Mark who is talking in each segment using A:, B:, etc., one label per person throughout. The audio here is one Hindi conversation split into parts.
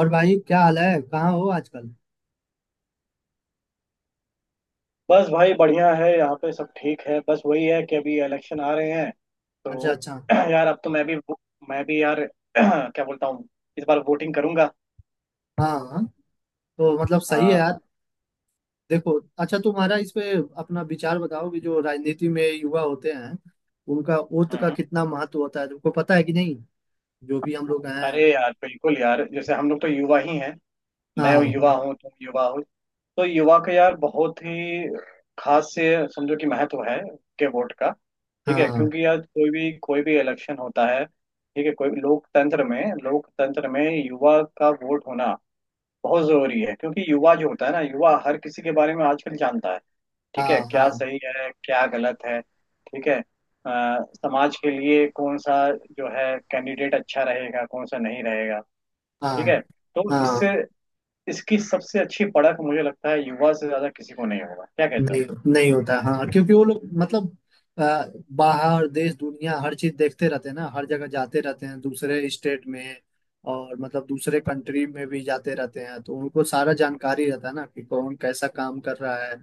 A: और भाई, क्या हाल है? कहाँ हो आजकल?
B: बस भाई बढ़िया है। यहाँ पे सब ठीक है। बस वही है कि अभी इलेक्शन आ रहे हैं
A: अच्छा,
B: तो
A: अच्छा।
B: यार अब तो मैं भी यार क्या बोलता हूँ, इस बार वोटिंग करूंगा।
A: हाँ हाँ। तो मतलब सही है
B: हाँ।
A: यार। देखो। अच्छा, तुम्हारा इस पे अपना विचार बताओ कि जो राजनीति में युवा होते हैं उनका वोट का
B: हम्म।
A: कितना महत्व होता है, तुमको पता है कि नहीं? जो भी हम लोग
B: अरे
A: हैं।
B: यार बिल्कुल यार, जैसे हम लोग तो युवा ही हैं। मैं युवा
A: हाँ
B: हूँ, तुम युवा हो। तो युवा का यार बहुत ही खास से समझो कि महत्व है, के वोट का। ठीक है,
A: हाँ
B: क्योंकि यार कोई भी इलेक्शन होता है। ठीक है, कोई भी लोकतंत्र में युवा का वोट होना बहुत जरूरी है, क्योंकि युवा जो होता है ना, युवा हर किसी के बारे में आजकल जानता है। ठीक है,
A: हाँ हाँ
B: क्या सही है क्या गलत है, ठीक है। समाज के लिए कौन सा जो है कैंडिडेट अच्छा रहेगा, कौन सा नहीं रहेगा। ठीक
A: हाँ
B: है, तो
A: हाँ।
B: इससे इसकी सबसे अच्छी पड़क मुझे लगता है युवा से ज्यादा किसी को नहीं होगा, क्या कहते हो।
A: नहीं, नहीं होता। हाँ, क्योंकि वो लोग मतलब अ, बाहर देश दुनिया हर चीज देखते रहते हैं ना, हर जगह जाते रहते हैं दूसरे स्टेट में। और मतलब दूसरे कंट्री में भी जाते रहते हैं, तो उनको सारा जानकारी रहता है ना कि कौन कैसा काम कर रहा है।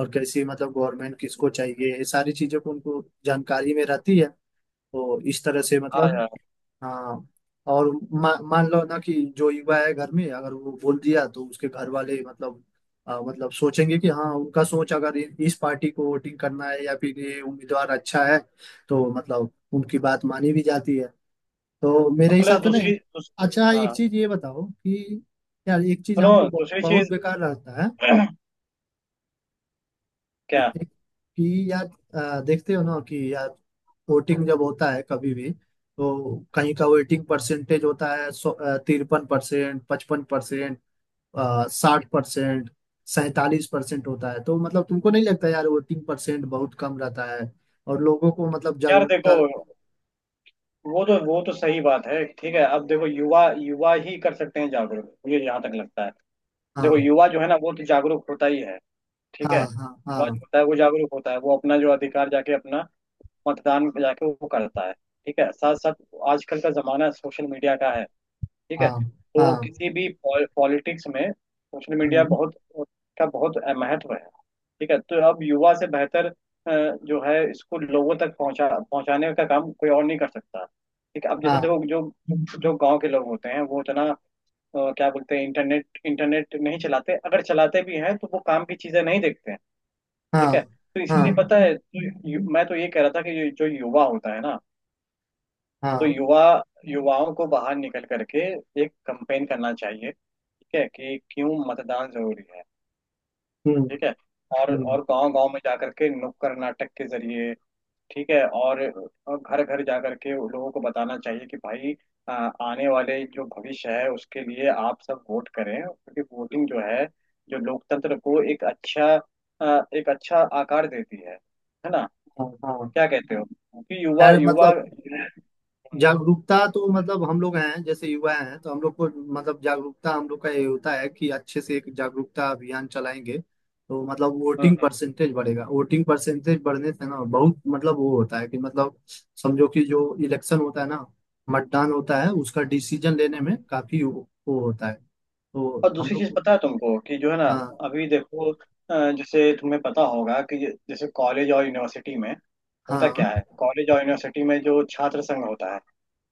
A: और कैसी मतलब गवर्नमेंट किसको चाहिए, ये सारी चीजों को उनको जानकारी में रहती है। तो इस तरह से
B: हाँ
A: मतलब
B: यार।
A: हाँ। और मान लो ना कि जो युवा है घर में अगर वो बोल दिया तो उसके घर वाले मतलब मतलब सोचेंगे कि हाँ, उनका सोच अगर इस पार्टी को वोटिंग करना है या फिर ये उम्मीदवार अच्छा है, तो मतलब उनकी बात मानी भी जाती है। तो मेरे
B: और प्लस
A: हिसाब से ना। अच्छा, एक
B: हाँ
A: चीज ये बताओ कि यार, एक चीज
B: सुनो,
A: हमको बहुत
B: दूसरी
A: बहुत
B: चीज।
A: बेकार रहता है
B: क्या?
A: कि यार देखते हो ना कि यार वोटिंग जब होता है कभी भी तो कहीं का वोटिंग परसेंटेज होता है 53%, 55%, 60%, 47% होता है। तो मतलब तुमको नहीं लगता यार वोटिंग परसेंट बहुत कम रहता है और लोगों को मतलब
B: यार देखो,
A: जागरूकता।
B: वो तो सही बात है। ठीक है, अब देखो युवा युवा ही कर सकते हैं जागरूक, मुझे यहाँ तक लगता है। देखो
A: हाँ
B: युवा जो है ना, वो तो जागरूक होता ही है। ठीक है।
A: हाँ हाँ
B: युवा जो
A: हाँ
B: होता है वो जागरूक होता है, वो अपना जो अधिकार जाके अपना मतदान में जाके वो करता है। ठीक है, साथ साथ आजकल का जमाना सोशल मीडिया का है। ठीक है,
A: हाँ
B: तो
A: हाँ।
B: किसी भी पॉलिटिक्स में सोशल मीडिया
A: हम्म।
B: बहुत का बहुत महत्व है। ठीक है, तो अब युवा से बेहतर जो है इसको लोगों तक पहुंचाने का काम कोई और नहीं कर सकता। ठीक है, अब जैसे
A: हाँ
B: देखो जो जो गांव के लोग होते हैं वो उतना क्या बोलते हैं, इंटरनेट इंटरनेट नहीं चलाते, अगर चलाते भी हैं तो वो काम की चीजें नहीं देखते हैं।
A: हाँ
B: ठीक है, तो इसलिए
A: हाँ
B: पता है तो मैं तो ये कह रहा था कि ये जो युवा होता है ना, तो
A: हाँ।
B: युवाओं को बाहर निकल करके एक कंपेन करना चाहिए। ठीक है कि क्यों मतदान जरूरी है।
A: हम्म।
B: ठीक है, और
A: हम्म।
B: और गांव गांव में जाकर के नुक्कड़ नाटक के जरिए। ठीक है, और घर घर जा करके उन लोगों को बताना चाहिए कि भाई आ, आने वाले जो भविष्य है उसके लिए आप सब वोट करें, क्योंकि वोटिंग जो है जो लोकतंत्र को एक अच्छा एक अच्छा आकार देती है ना।
A: हाँ। हाँ
B: क्या कहते हो, क्योंकि युवा
A: यार
B: युवा
A: मतलब जागरूकता तो मतलब हम लोग हैं जैसे युवा हैं तो हम लोग को मतलब जागरूकता हम लोग का ये होता है कि अच्छे से एक जागरूकता अभियान चलाएंगे तो मतलब वोटिंग
B: हम्म,
A: परसेंटेज बढ़ेगा, वोटिंग परसेंटेज बढ़ने से ना बहुत मतलब वो होता है कि मतलब समझो कि जो इलेक्शन होता है ना, मतदान होता है उसका डिसीजन लेने
B: हम्म।
A: में काफी वो होता है, तो
B: और
A: हम
B: दूसरी
A: लोग
B: चीज
A: को-
B: पता है तुमको कि जो है ना,
A: हाँ
B: अभी देखो जैसे तुम्हें पता होगा कि जैसे कॉलेज और यूनिवर्सिटी में होता क्या
A: हाँ
B: है, कॉलेज और यूनिवर्सिटी में जो छात्र संघ होता है।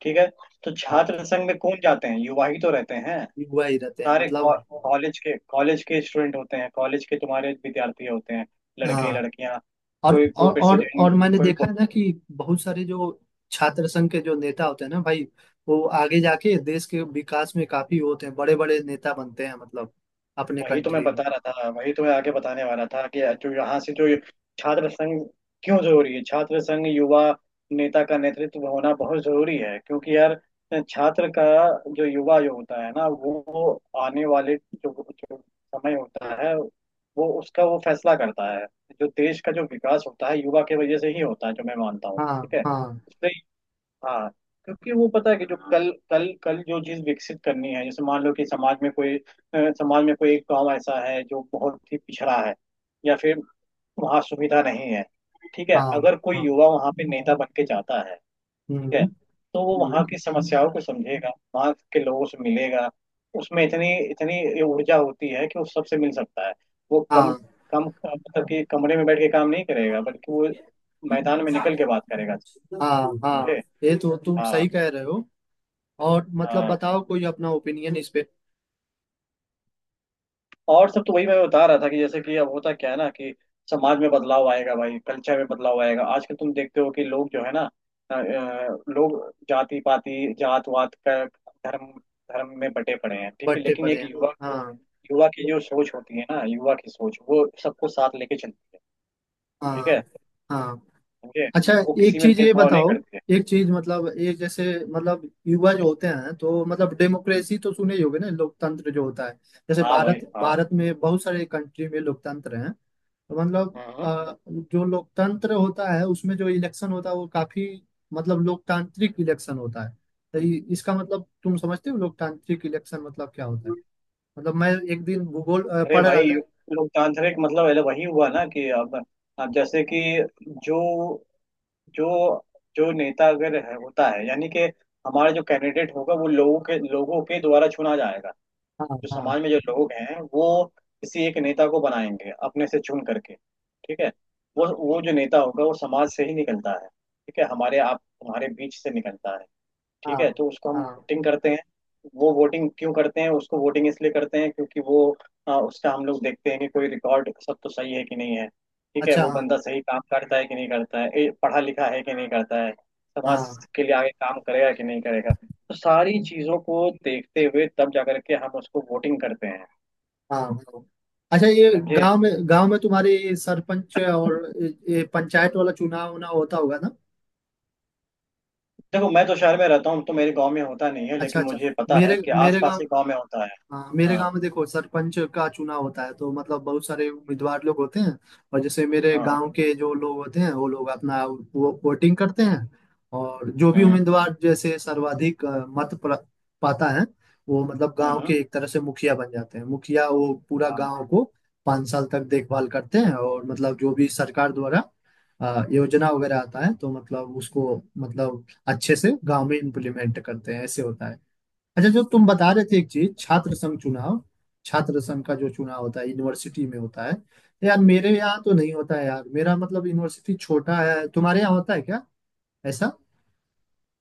B: ठीक है, तो
A: हाँ।
B: छात्र संघ में कौन जाते हैं, युवा ही तो रहते हैं।
A: युवा ही रहते हैं
B: सारे
A: मतलब।
B: कॉलेज के स्टूडेंट होते हैं, कॉलेज के तुम्हारे विद्यार्थी होते हैं,
A: हाँ,
B: लड़के लड़कियां,
A: और
B: कोई कोई
A: और और
B: प्रेसिडेंट
A: और मैंने
B: कोई।
A: देखा है ना कि बहुत सारे जो छात्र संघ के जो नेता होते हैं ना भाई, वो आगे जाके देश के विकास में काफी होते हैं, बड़े बड़े नेता बनते हैं मतलब अपने
B: वही तो मैं
A: कंट्री में।
B: बता रहा था, वही तो मैं आगे बताने वाला था कि जो यहाँ से जो छात्र संघ, क्यों जरूरी है छात्र संघ, युवा नेता का नेतृत्व होना बहुत जरूरी है, क्योंकि यार छात्र का जो युवा जो होता है ना, वो आने वाले जो समय होता है, वो उसका वो फैसला करता है। जो देश का जो विकास होता है युवा के वजह से ही होता है, जो मैं मानता हूँ।
A: हाँ
B: ठीक है,
A: हाँ
B: इसलिए हाँ, क्योंकि वो पता है कि जो कल कल कल जो चीज विकसित करनी है, जैसे मान लो कि समाज में कोई समाज में कोई एक गांव ऐसा है जो बहुत ही पिछड़ा है, या फिर वहाँ सुविधा नहीं है। ठीक है,
A: हाँ
B: अगर कोई
A: हाँ।
B: युवा वहाँ पे नेता बन के जाता है। ठीक
A: हम्म।
B: है, तो वो
A: हम्म,
B: वहाँ की समस्याओं को समझेगा, वहाँ के लोगों से मिलेगा। उसमें इतनी इतनी ऊर्जा होती है कि वो सबसे मिल सकता है। वो कम
A: हाँ
B: कम मतलब कि कमरे में बैठ के काम नहीं करेगा, बल्कि वो मैदान में निकल के बात करेगा।
A: हाँ हाँ।
B: समझे।
A: ये तो तुम
B: हाँ।
A: सही कह रहे हो। और मतलब
B: हाँ,
A: बताओ कोई अपना ओपिनियन इस पे।
B: और सब तो वही मैं बता रहा था कि जैसे कि अब होता क्या है ना, कि समाज में बदलाव आएगा भाई, कल्चर में बदलाव आएगा। आजकल तुम देखते हो कि लोग जो है ना, लोग जाति पाति जात वात का धर्म धर्म में बटे पड़े हैं। ठीक है,
A: बढ़ते
B: लेकिन
A: पड़े
B: एक
A: हैं हाँ।
B: युवा की जो सोच होती है ना, युवा की सोच वो सबको साथ लेके चलती है। ठीक है।
A: हाँ हाँ।
B: समझे,
A: अच्छा,
B: वो किसी
A: एक
B: में
A: चीज ये
B: भेदभाव नहीं
A: बताओ।
B: करती है।
A: एक चीज मतलब एक जैसे मतलब युवा जो होते हैं तो मतलब डेमोक्रेसी तो सुने ही होगे ना, लोकतंत्र जो होता है जैसे
B: हाँ भाई
A: भारत,
B: हाँ।
A: भारत में बहुत सारे कंट्री में लोकतंत्र हैं। तो मतलब
B: हम्म।
A: जो लोकतंत्र होता है उसमें जो इलेक्शन होता है वो काफी मतलब लोकतांत्रिक इलेक्शन होता है। तो इसका मतलब तुम समझते हो लोकतांत्रिक इलेक्शन मतलब क्या होता है। मतलब मैं एक दिन भूगोल
B: अरे
A: पढ़ रहा
B: भाई,
A: था।
B: लोकतांत्रिक मतलब है वही हुआ ना कि अब जैसे कि जो जो जो नेता अगर है, होता है, यानी कि हमारा जो कैंडिडेट होगा वो लोगों के द्वारा चुना जाएगा।
A: हाँ
B: जो
A: हाँ
B: समाज में जो लोग हैं, वो किसी एक नेता को बनाएंगे अपने से चुन करके। ठीक है, वो जो नेता होगा वो समाज से ही निकलता है। ठीक है, हमारे आप हमारे बीच से निकलता है।
A: हाँ
B: ठीक है, तो उसको हम
A: हाँ।
B: वोटिंग करते हैं। वो वोटिंग क्यों करते हैं, उसको वोटिंग इसलिए करते हैं क्योंकि वो उसका हम लोग देखते हैं कि कोई रिकॉर्ड सब तो सही है कि नहीं है। ठीक है,
A: अच्छा।
B: वो
A: हाँ
B: बंदा सही काम करता है कि नहीं करता है, ए, पढ़ा लिखा है कि नहीं करता है, समाज
A: हाँ
B: के लिए आगे काम करेगा कि नहीं करेगा, तो सारी चीजों को देखते हुए तब जा करके हम उसको वोटिंग करते हैं।
A: हाँ हाँ। अच्छा, ये
B: समझे।
A: गांव में, गांव में तुम्हारे ये सरपंच और ये पंचायत वाला चुनाव ना होता होगा ना?
B: देखो मैं तो शहर में रहता हूँ, तो मेरे गांव में होता नहीं है,
A: अच्छा
B: लेकिन
A: अच्छा।
B: मुझे पता है
A: मेरे
B: कि
A: मेरे
B: आसपास
A: गांव,
B: के गांव में होता है।
A: हाँ मेरे
B: हाँ
A: गांव में देखो सरपंच का चुनाव होता है तो मतलब बहुत सारे उम्मीदवार लोग होते हैं। और जैसे मेरे
B: हाँ हाँ।
A: गांव के जो लोग होते हैं वो लोग अपना वो वोटिंग करते हैं। और जो भी
B: हम्म
A: उम्मीदवार जैसे सर्वाधिक मत पाता है वो मतलब
B: हम्म
A: गांव के
B: हम्म,
A: एक तरह से मुखिया बन जाते हैं। मुखिया वो पूरा
B: हाँ
A: गांव को 5 साल तक देखभाल करते हैं और मतलब जो भी सरकार द्वारा योजना वगैरह आता है तो मतलब उसको मतलब अच्छे से गांव में इम्प्लीमेंट करते हैं, ऐसे होता है। अच्छा, जो तुम बता रहे थे एक चीज, छात्र संघ चुनाव, छात्र संघ का जो चुनाव होता है यूनिवर्सिटी में होता है, तो यार मेरे यहाँ तो नहीं होता है यार, मेरा मतलब यूनिवर्सिटी छोटा है, तुम्हारे यहाँ होता है क्या ऐसा?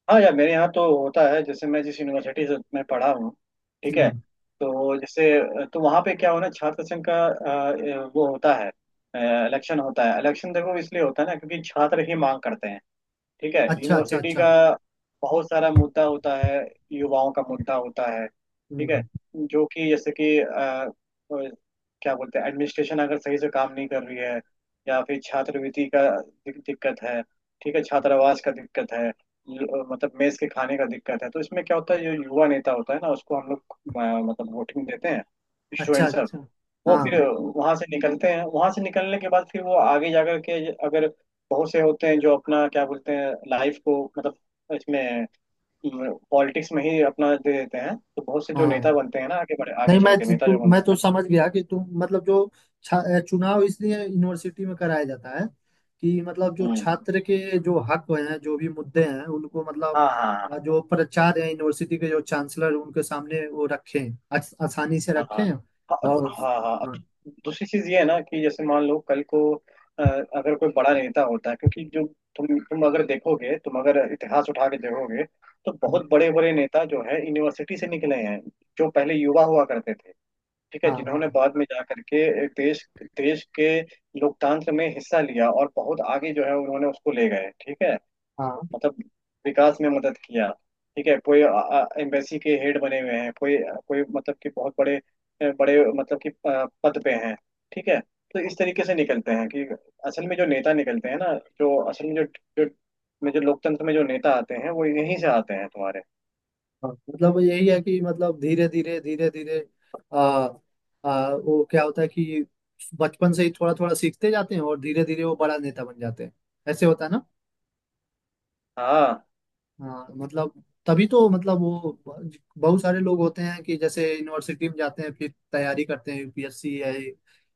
B: हाँ यार मेरे यहाँ तो होता है। जैसे मैं जिस यूनिवर्सिटी से मैं पढ़ा हूँ, ठीक है,
A: हम्म।
B: तो जैसे तो वहाँ पे क्या होना, छात्र संघ का वो होता है, इलेक्शन होता है। इलेक्शन देखो इसलिए होता है ना, क्योंकि छात्र ही मांग करते हैं। ठीक है,
A: अच्छा अच्छा
B: यूनिवर्सिटी
A: अच्छा।
B: का बहुत सारा मुद्दा होता है, युवाओं का मुद्दा होता है। ठीक है,
A: हम्म।
B: जो कि जैसे कि क्या बोलते हैं, एडमिनिस्ट्रेशन अगर सही से काम नहीं कर रही है, या फिर छात्रवृत्ति का दिक्कत है। ठीक है, छात्रावास का दिक्कत है, मतलब मेस के खाने का दिक्कत है, तो इसमें क्या होता है, जो युवा नेता होता है ना, उसको हम लोग मतलब वोटिंग देते हैं
A: अच्छा
B: स्टूडेंट्स।
A: अच्छा।
B: वो फिर
A: हाँ
B: वहां से निकलते हैं, वहां से निकलने के बाद फिर वो आगे जाकर के, अगर बहुत से होते हैं जो अपना क्या बोलते हैं लाइफ को मतलब इसमें पॉलिटिक्स में ही अपना दे देते हैं, तो बहुत से जो नेता
A: हाँ।
B: बनते हैं ना, आगे बढ़े आगे
A: नहीं,
B: चल के नेता जो
A: मैं
B: बनते
A: तो
B: हैं।
A: समझ गया कि तुम मतलब जो चुनाव इसलिए यूनिवर्सिटी में कराया जाता है कि मतलब जो
B: हम्म।
A: छात्र के जो हक हैं, जो भी मुद्दे हैं उनको मतलब
B: हाँ हाँ हाँ।
A: जो प्राचार्य हैं यूनिवर्सिटी के, जो चांसलर हैं, उनके सामने वो रखें, आसानी से
B: हाँ हाँ
A: रखें।
B: हाँ
A: और
B: हाँ हाँ।
A: हाँ
B: दूसरी चीज ये है ना कि जैसे मान लो कल को अगर कोई बड़ा नेता होता है, क्योंकि जो तुम अगर देखोगे, तुम अगर इतिहास उठा के देखोगे, तो बहुत बड़े बड़े नेता जो है यूनिवर्सिटी से निकले हैं, जो पहले युवा हुआ करते थे। ठीक है,
A: हाँ
B: जिन्होंने
A: हाँ
B: बाद में जा करके देश देश के लोकतंत्र में हिस्सा लिया, और बहुत आगे जो है उन्होंने उसको ले गए। ठीक है,
A: हाँ
B: मतलब विकास में मदद किया। ठीक है, कोई एम्बेसी के हेड बने हुए हैं, कोई कोई मतलब कि बहुत बड़े बड़े मतलब कि पद पे हैं। ठीक है, तो इस तरीके से निकलते हैं कि असल में जो नेता निकलते हैं ना, जो असल में जो जो में जो लोकतंत्र में जो नेता आते हैं वो यहीं से आते हैं तुम्हारे।
A: हाँ। मतलब यही है कि मतलब धीरे धीरे आ, वो क्या होता है कि बचपन से ही थोड़ा थोड़ा सीखते जाते हैं और धीरे धीरे वो बड़ा नेता बन जाते हैं, ऐसे होता है ना।
B: हाँ।
A: हाँ, तो मतलब तभी तो मतलब वो बहुत सारे लोग होते हैं कि जैसे यूनिवर्सिटी में जाते हैं फिर तैयारी करते हैं यूपीएससी है।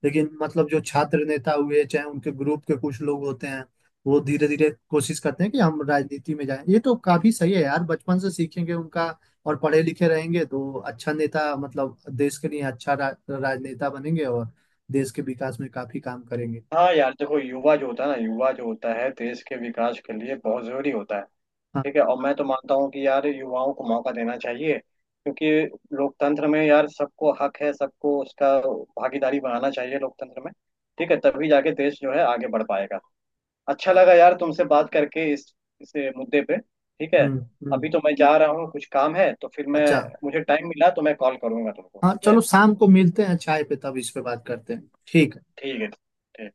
A: लेकिन मतलब जो छात्र नेता हुए चाहे उनके ग्रुप के कुछ लोग होते हैं वो धीरे धीरे कोशिश करते हैं कि हम राजनीति में जाएं। ये तो काफी सही है यार, बचपन से सीखेंगे उनका और पढ़े लिखे रहेंगे तो अच्छा नेता मतलब देश के लिए अच्छा राजनेता बनेंगे और देश के विकास में काफी काम करेंगे।
B: हाँ यार देखो, युवा जो होता है ना, युवा जो होता है देश के विकास के लिए बहुत जरूरी होता है।
A: हाँ
B: ठीक है, और मैं तो मानता हूँ कि यार युवाओं को मौका देना चाहिए, क्योंकि लोकतंत्र में यार सबको हक है, सबको उसका भागीदारी बनाना चाहिए लोकतंत्र में। ठीक है, तभी जाके देश जो है आगे बढ़ पाएगा। अच्छा
A: हाँ,
B: लगा यार तुमसे बात करके इस मुद्दे पे। ठीक है,
A: हम्म।
B: अभी
A: हम्म।
B: तो मैं जा रहा हूँ, कुछ काम है, तो फिर मैं,
A: अच्छा।
B: मुझे टाइम मिला तो मैं कॉल करूंगा तुमको।
A: हाँ,
B: ठीक है,
A: चलो शाम को मिलते हैं चाय पे, तब इस पे बात करते हैं। ठीक है।
B: ठीक है, ठीक।